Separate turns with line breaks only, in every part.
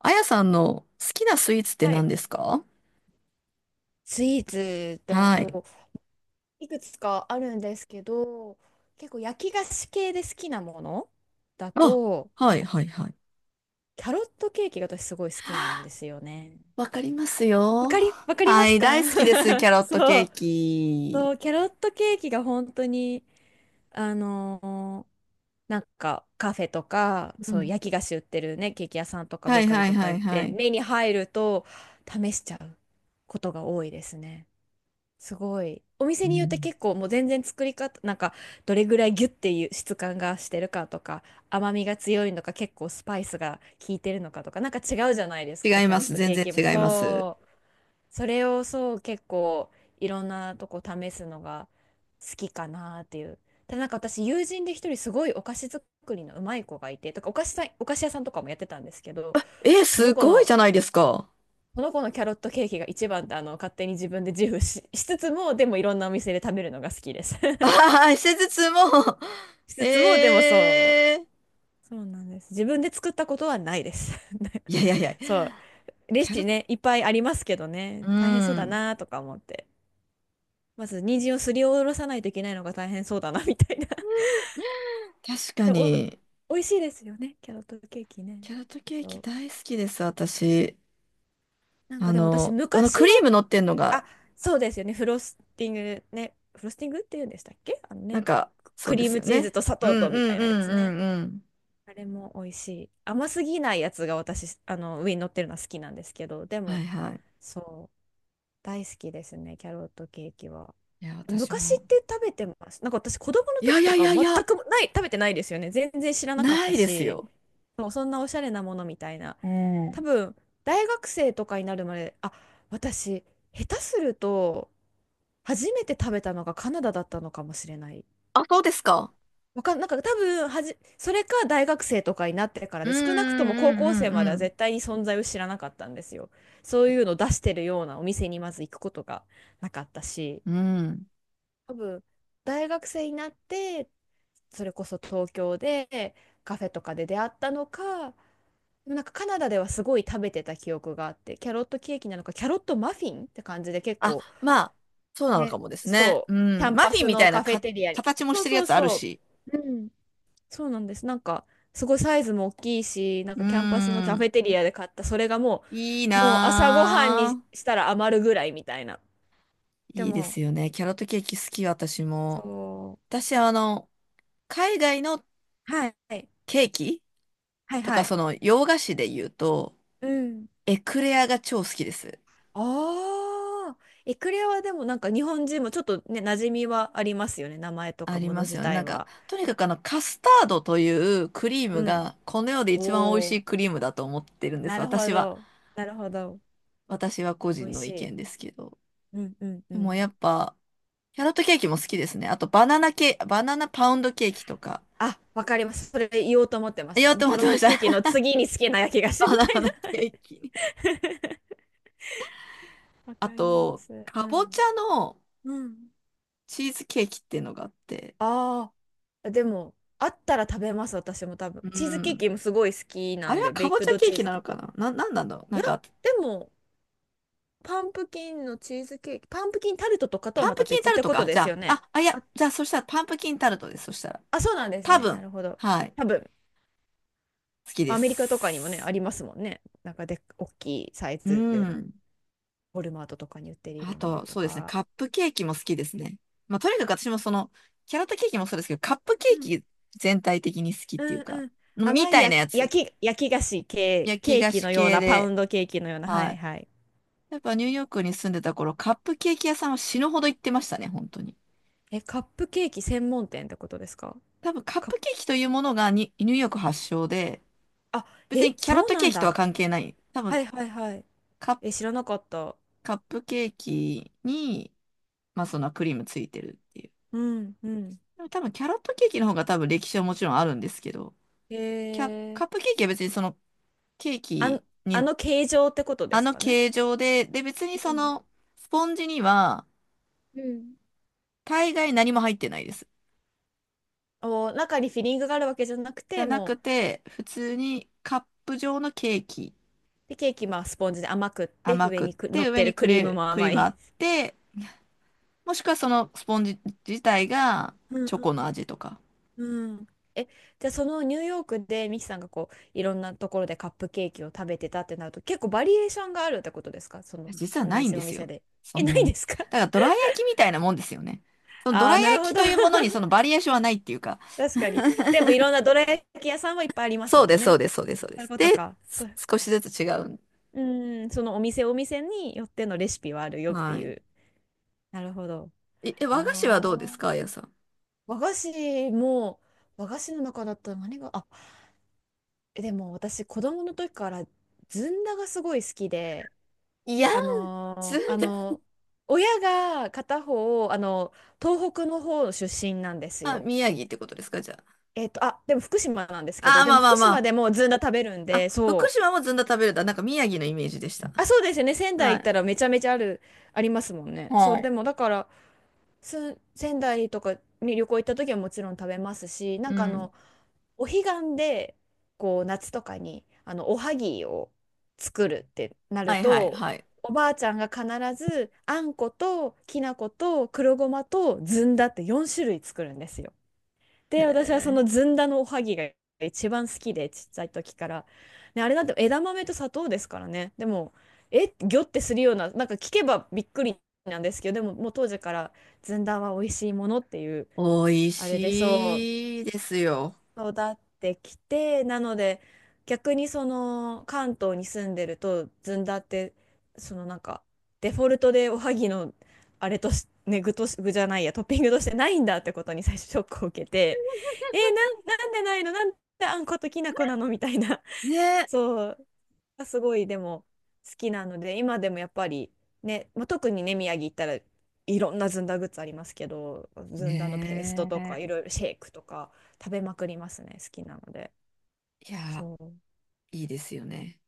あやさんの好きなスイーツって
は
何
い。
ですか？
スイーツだ
はい。
といくつかあるんですけど、結構焼き菓子系で好きなものだ
あ、
と
はい、はい、はい。
キャロットケーキが私すごい好きなんですよね。
わかります
わ
よ。
かり、わかりま
は
す
い、
か？
大好きです、キ ャロットケ
そう、
ーキ。
そう、キャロットケーキが本当にあのーなんかカフェとか、
う
そう、
ん。
焼き菓子売ってるね、ケーキ屋さんとか
は
ベー
い、
カリ
は
ー
い、
とか
はい、
行っ
は
て
い。
目に入ると試しちゃうことが多いですね。すごい。お
う
店によって
ん。
結構もう全然作り方、なんかどれぐらいギュッていう質感がしてるかとか、甘みが強いのか結構スパイスが効いてるのかとか、なんか違うじゃないですか、
違い
キャ
ま
ロッ
す、
ト
全
ケー
然
キ
違
も。
います。
そう。それをそう結構いろんなとこ試すのが好きかなっていう。ただなんか私、友人で一人すごいお菓子作りのうまい子がいて、とかお菓子屋さんとかもやってたんですけど、
え、
その
す
子
ごい
の
じゃないですか？
この子のキャロットケーキが一番って、あの、勝手に自分で自負しつつも、でもいろんなお店で食べるのが好きです。
あはい、施術も。
しつつもでも、そう、
えー。
そうなんです、自分で作ったことはないです。
いやいやいや、
そうレシ
キャロッ
ピ
ト、
ね、いっぱいありますけどね、
う
大変そうだ
ん。
なとか思って、まず人参をすりおろさないといけないのが大変そうだなみたいな。
確 か
でも
に、
お美味しいですよね、キャロットケーキね。
キャロットケーキ
と、
大好きです、私。
なんかでも私
あの
昔
クリー
は、
ム乗ってんのが
あ、そうですよね、フロスティングね、フロスティングって言うんでしたっけ、あの
なん
ね、
か、そ
ク
うで
リー
す
ム
よ
チーズ
ね。
と砂
う
糖
ん
とみた
う
い
んう
なやつね。
んうんうん。
あれも美味しい。甘すぎないやつが私、あの、上に乗ってるのは好きなんですけど、で
は
も、
いはい。
そう、大好きですね、キャロットケーキは。
いや、私
昔
も。
って食べてます。なんか私、子供の
いや
時
いや
と
い
か
やい
全
や、
くない、食べてないですよね。全然知らなかっ
な
た
いです
し、
よ。
そう、そんなおしゃれなものみたいな。
う
多
ん。
分、大学生とかになるまで、あ、私、下手すると、初めて食べたのがカナダだったのかもしれない。
あ、そうですか。
わかん、なんか多分、それか大学生とかになってから
う
で、
んう
少なくとも高校生
ん
まで
う
は
ん
絶対に存在を知らなかったんですよ。そういうのを出してるようなお店にまず行くことがなかったし、
うんうん。うん。
多分、大学生になって、それこそ東京でカフェとかで出会ったのか、でもなんかカナダではすごい食べてた記憶があって、キャロットケーキなのか、キャロットマフィンって感じで結
あ、
構、
まあ、そうなの
ね、
かもですね。
そ
う
う、キャ
ん。
ン
マ
パ
フィン
ス
みた
の
いな
カフェ
か、
テリアに。
形も
そ
し
う
てるや
そう
つある
そ
し。
う。うん、そうなんです。なんか、すごいサイズも大きいし、なん
う
かキャンパスのカフ
ん。
ェテリアで買った、それがも
いい
う、もう朝ごはんに
なぁ。
したら余るぐらいみたいな。で
いいで
も、
すよね。キャロットケーキ好き、私も。
そ
私、海外の
う。はい。
ケーキ
はい
と
は
か、
い。
洋菓子で言うと、
うん。
エクレアが超好きです。
ああ、エクレアはでもなんか日本人もちょっとね、馴染みはありますよね。名前と
あ
か
り
もの
ます
自
よね。な
体
んか、
は。
とにかくカスタードというクリー
う
ム
ん。
が、この世で一番美味
お
し
お、
いクリームだと思ってるんで
な
す。
るほ
私は。
ど。なるほど。
私は個
美
人
味
の
し
意見で
い。
すけど。
うんうんう
でも
ん。
やっぱ、キャロットケーキも好きですね。あと、バナナパウンドケーキとか。
あ、わかります。それ言おうと思ってまし
言
た。
おう
もう
と
キ
思
ャ
っ
ロ
て
ッ
ま
ト
し
ケーキ
た。
の次に好きな焼き菓 子
バナ
みたい
ナ
な。
ケーキ。
わ
あ
かりま
と、
す。う
か
ん。
ぼちゃの
うん。
チーズケーキっていうのがあって。
ああ、でも、あったら食べます、私も多分。
う
チーズケー
ん。
キもすごい好きな
あれ
ん
は
で、ベ
か
イ
ぼ
ク
ちゃ
ド
ケー
チー
キ
ズ
な
ケ
の
ーキ。
かなな、なんなんだろう。
い
なん
や、
か、
でも、パンプキンのチーズケーキ、パンプキンタルトとかとは
パン
ま
プ
た
キン
別
タ
っ
ル
て
ト
こと
か。
で
じ
す
ゃ
よ
あ、
ね。
いや、
あ、
じゃあ、そしたらパンプキンタルトです。そしたら。
あ、そうなんです
多
ね。な
分、
るほど。
はい、
多分、
好きで
アメリカとかにもね、あ
す。
りますもんね。なんかで、大きいサイ
う
ズでの、
ん。
ウォルマートとかに売ってる
あ
ようなの
と、
と
そうですね、
か。
カップケーキも好きですね。まあ、とにかく私もキャラットケーキもそうですけど、カップケーキ全体的に好きっ
う
ていう
ん
か、
うん。
み
甘い
たいなやつ。
焼き菓子系、
焼き
ケー
菓
キ
子
のよう
系
な、パウ
で。
ンドケーキのような。は
は
い
い。
はい。
やっぱニューヨークに住んでた頃、カップケーキ屋さんは死ぬほど行ってましたね、本当に。
え、カップケーキ専門店ってことですか？
多分カッ
カッ
プ
プ、
ケーキというものがにニューヨーク発祥で、
あ、
別に
え、
キャロッ
そう
ト
な
ケー
ん
キとは
だ。
関係ない。多
は
分
いはいはい。
カッ
え、知らなかった。
カップケーキに、まあそのクリームついてるっていう。
うんうん。
でも多分キャロットケーキの方が多分歴史はもちろんあるんですけど、
へえ。
カップケーキは別にそのケー
あの、
キ
あ
に、
の形状ってことで
あ
す
の
かね。
形状で、別に
う
そ
ん
のスポンジには
うん。
大概何も入ってないです。
お、中にフィリングがあるわけじゃなく
じゃ
て、
なく
もう、
て、普通にカップ状のケーキ
で、ケーキ、まあ、スポンジで甘くって、
甘
上
くっ
にく、乗
て、
っ
上
てる
に
クリームも
クリ
甘
ームあ
い。
って、もしくはそのスポンジ自体が
うん
チョコの味とか。
うんうん。え、じゃあそのニューヨークでミキさんがこういろんなところでカップケーキを食べてたってなると、結構バリエーションがあるってことですか？その
実は
お
ないん
店
で
お
す
店
よ。
で。
そ
え、
ん
な
な
いんで
に。
すか？
だから ドラ焼きみたいなもんですよね。そのド
ああ
ラ
ー、なる
焼
ほ
き
ど。
というものに そのバリエーションはないっていうか。
確かに。でもいろんなどら焼き屋さんはいっぱいあります
そう
も
で
ん
す、そ
ね。
うです、そうです、そうで
そういう
す。
こと
で、
か。そう。
少しずつ違う。
うん、そのお店お店によってのレシピはあるよって
は
い
い。
う。なるほど。
和菓子はどうで
あ
すか、あ
あ。
やさん？
和菓子も、和菓子の中だったら何が、あ、でも私、子供の時からずんだがすごい好きで、
いや、
あ
ずん
のーあ
だ。
のー親が片方、あの、東北の方出身なんです
あ、
よ。
宮城ってことですか、じゃ
えっと、あ、でも福島なんですけ
あ？
ど、
あー、
で
ま
も
あまあ
福島
ま
でもずんだ食べるん
あ。あ、
で、
福
そう。
島もずんだ食べるだ。なんか宮城のイメージでした。
あ、そうですよね。仙台
は
行っ
い。
たらめちゃめちゃある、ありますもんね。そ
は
う、
い。
でもだから、仙台とかに旅行行った時はもちろん食べますし、なん
う
かあ
ん。
の、お彼岸でこう夏とかにあのおはぎを作るってなる
はいはい
と、
はい。
おばあちゃんが必ずあんこときな粉と黒ごまとずんだって4種類作るんですよ。
へ
で、私はそ
え。
のずんだのおはぎが一番好きで、ちっちゃい時から。ね、あれなんて枝豆と砂糖ですからね。でも、え、ギョってするような、なんか聞けばびっくりなんですけど、でももう当時からずんだは美味しいものっていう、
美味
あれでそう、
しいですよ。
育ってきて、なので逆にその関東に住んでるとずんだって、そのなんかデフォルトでおはぎのあれとし、ね、具とし、具じゃないや、トッピングとしてないんだってことに 最初ショックを受けて、えー、なんでないの、なんであんこときな粉なのみたいな。
ね。
そうがすごいでも好きなので、今でもやっぱりね、まあ、特にね宮城行ったら、いろんなずんだグッズありますけど、ずんだのペーストとかい
ね
ろいろ、シェイクとか食べまくりますね、好きなので。
え。いや
そ
ーいいですよね。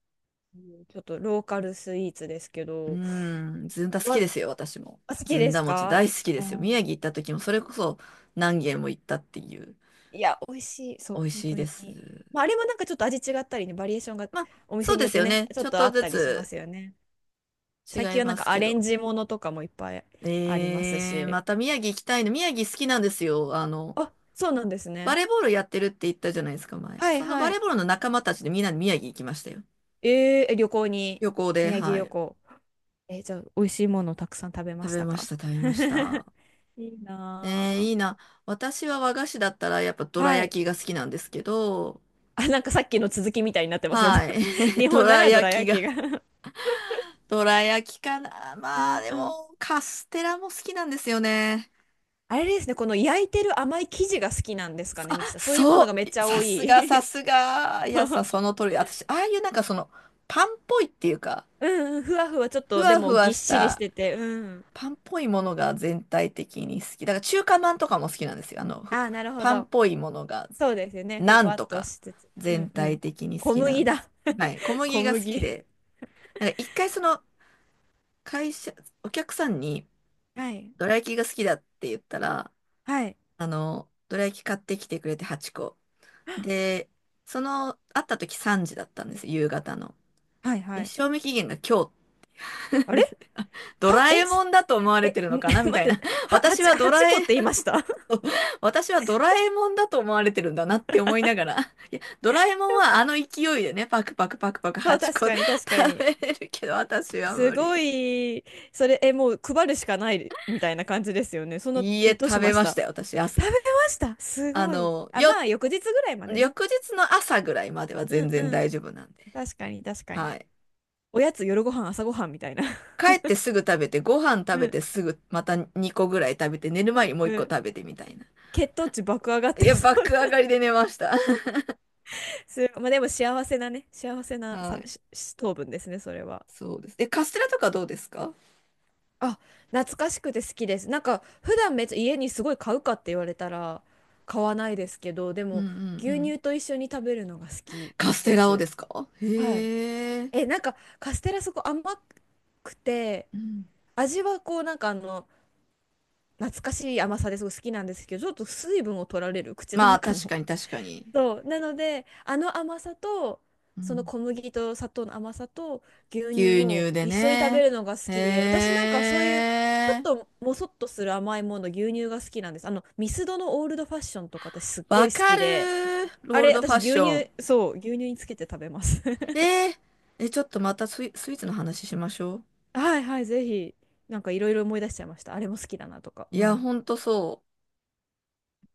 う、ちょっとローカルスイーツですけ
う
ど。
ーん、ずんだ好き
わ
ですよ、私も。
あ、好き
ずん
で
だ
す
餅
か？
大好きで
う
すよ。
ん、
宮城行った時もそれこそ何軒も行ったっていう。
いや美味しい、そ
美
う
味
本
しい
当
です。
に。まあ、あれもなんかちょっと味違ったりね、バリエーションが
まあ、
お
そ
店
う
に
で
よっ
す
て
よ
ね
ね。
ち
ち
ょっ
ょっ
とあ
と
っ
ず
たりしま
つ
すよね。最
違
近
い
はな
ま
んか
す
ア
け
レン
ど。
ジものとかもいっぱいありますし。
また宮城行きたいの。宮城好きなんですよ。
あ、そうなんです
バ
ね。
レーボールやってるって言ったじゃないですか、前？
はい
そのバ
は
レ
い。
ーボールの仲間たちでみんなで宮城行きましたよ。
えー、旅行に、
旅行で、
宮城
は
旅
い。
行。えー、じゃあ、美味しいものをたくさん食べま
食
し
べ
た
まし
か？
た、食べ ました。
いいな
いいな。私は和菓子だったらやっぱど
ぁ。
ら
はい。
焼きが好きなんですけど、
あ、なんかさっきの続きみたいになってますね。
は い。
日
ど
本な
ら
らど
焼
ら
き
焼き
が。
が
どら焼きかな。
う
まあ
ん
で
うん。
も、カステラも好きなんですよね。
あれですね、この焼いてる甘い生地が好きなんですかね、ミキさん。そういうものが
そ
めっち
う。
ゃ
さ
多
すが、さ
い。
すが。い
そ
やさん、
う、
その通り。私、ああいうなんかパンっぽいっていうか、
うんうん、ふわふわ、ちょっ
ふ
とで
わふ
も
わ
ぎっ
し
しりし
た、
てて、うん。
パンっぽいものが全体的に好き。だから中華まんとかも好きなんですよ。
あー、なるほ
パンっ
ど。
ぽいものが、
そうですよね、ふ
なん
わっ
と
と
か、
しつつ。うん
全
うん。
体的に好
小
きな
麦
んで
だ。
す。はい。小 麦
小
が好き
麦。
で。なんか一回会社、お客さんに、
はい。
どら焼きが好きだって言ったら、
はい。
どら焼き買ってきてくれて8個。で、会った時3時だったんです、夕方の。
はい
で、
はい。
賞味期限が今日。
あ
で、
れ
ド
は、
ラえもんだと思われ
え、
てるの
ん、
かな み
待
たい
って、
な。
は、
私
8、
はド
八
ラ
個
え、
って言いました？
私はドラえもんだと思われてるんだなって思いながら。いや、ドラえもんはあの勢いでね、パクパクパクパ ク
そ
8
う、
個
確かに確 か
食
に。
べれるけど、私は
す
無
ご
理。
い、それ、え、もう配るしかないみたいな感じですよね。その、
いいえ、
え、どうし
食べ
まし
まし
た？
たよ、私。あ
食べました？す
あ
ごい。
の、
あ、ま
よ
あ、翌日ぐらいまでね。
翌日の朝ぐらいまでは
う
全
ん
然
うん。
大丈夫なんで。
確かに確かに。
はい。
おやつ、夜ご飯、朝ごはんみたいな。
帰ってすぐ食べて、ご飯食
う
べ
ん。
てすぐまた2個ぐらい食べて、寝る
多
前
分
にもう1
う
個
ん。
食べてみたいな。
血糖値爆上がっ
い
て
や、
そう
爆上
な。
がりで寝ました。
す、まあ、でも幸せなね、幸せな
は
さ
い。
しし糖分ですね、それは。
そうです。え、カステラとかどうですか？
あ、懐かしくて好きです。なんか普段めっちゃ家にすごい買うかって言われたら買わないですけど、で
うんう
も
んう
牛
ん。
乳と一緒に食べるのが好き
カス
で
テラを
す。
ですか？
はい。
へえ。
え、なんかカステラそこ甘くて、
うん。
味はこうなんかあの懐かしい甘さですごい好きなんですけど、ちょっと水分を取られる口の
まあ、
中
確
の。
かに確かに。
そう。なので、あの甘さと、
う
その
ん。
小麦と砂糖の甘さと牛乳
牛
を
乳で
一緒に食べ
ね。
るのが好
へ
きで、私なんかそういう、ちょっ
え。
ともそっとする甘いもの、牛乳が好きなんです。あの、ミスドのオールドファッションとか私すっご
わ
い好
か
き
る
で、
ー。
あ
ロール
れ、
ドファ
私
ッシ
牛
ョン。
乳、そう、牛乳につけて食べます。
えー、ちょっとまたスイーツの話しましょう。
はいはい、ぜひ、なんかいろいろ思い出しちゃいました。あれも好きだなとか。
い
う
や、
ん。
ほんとそう。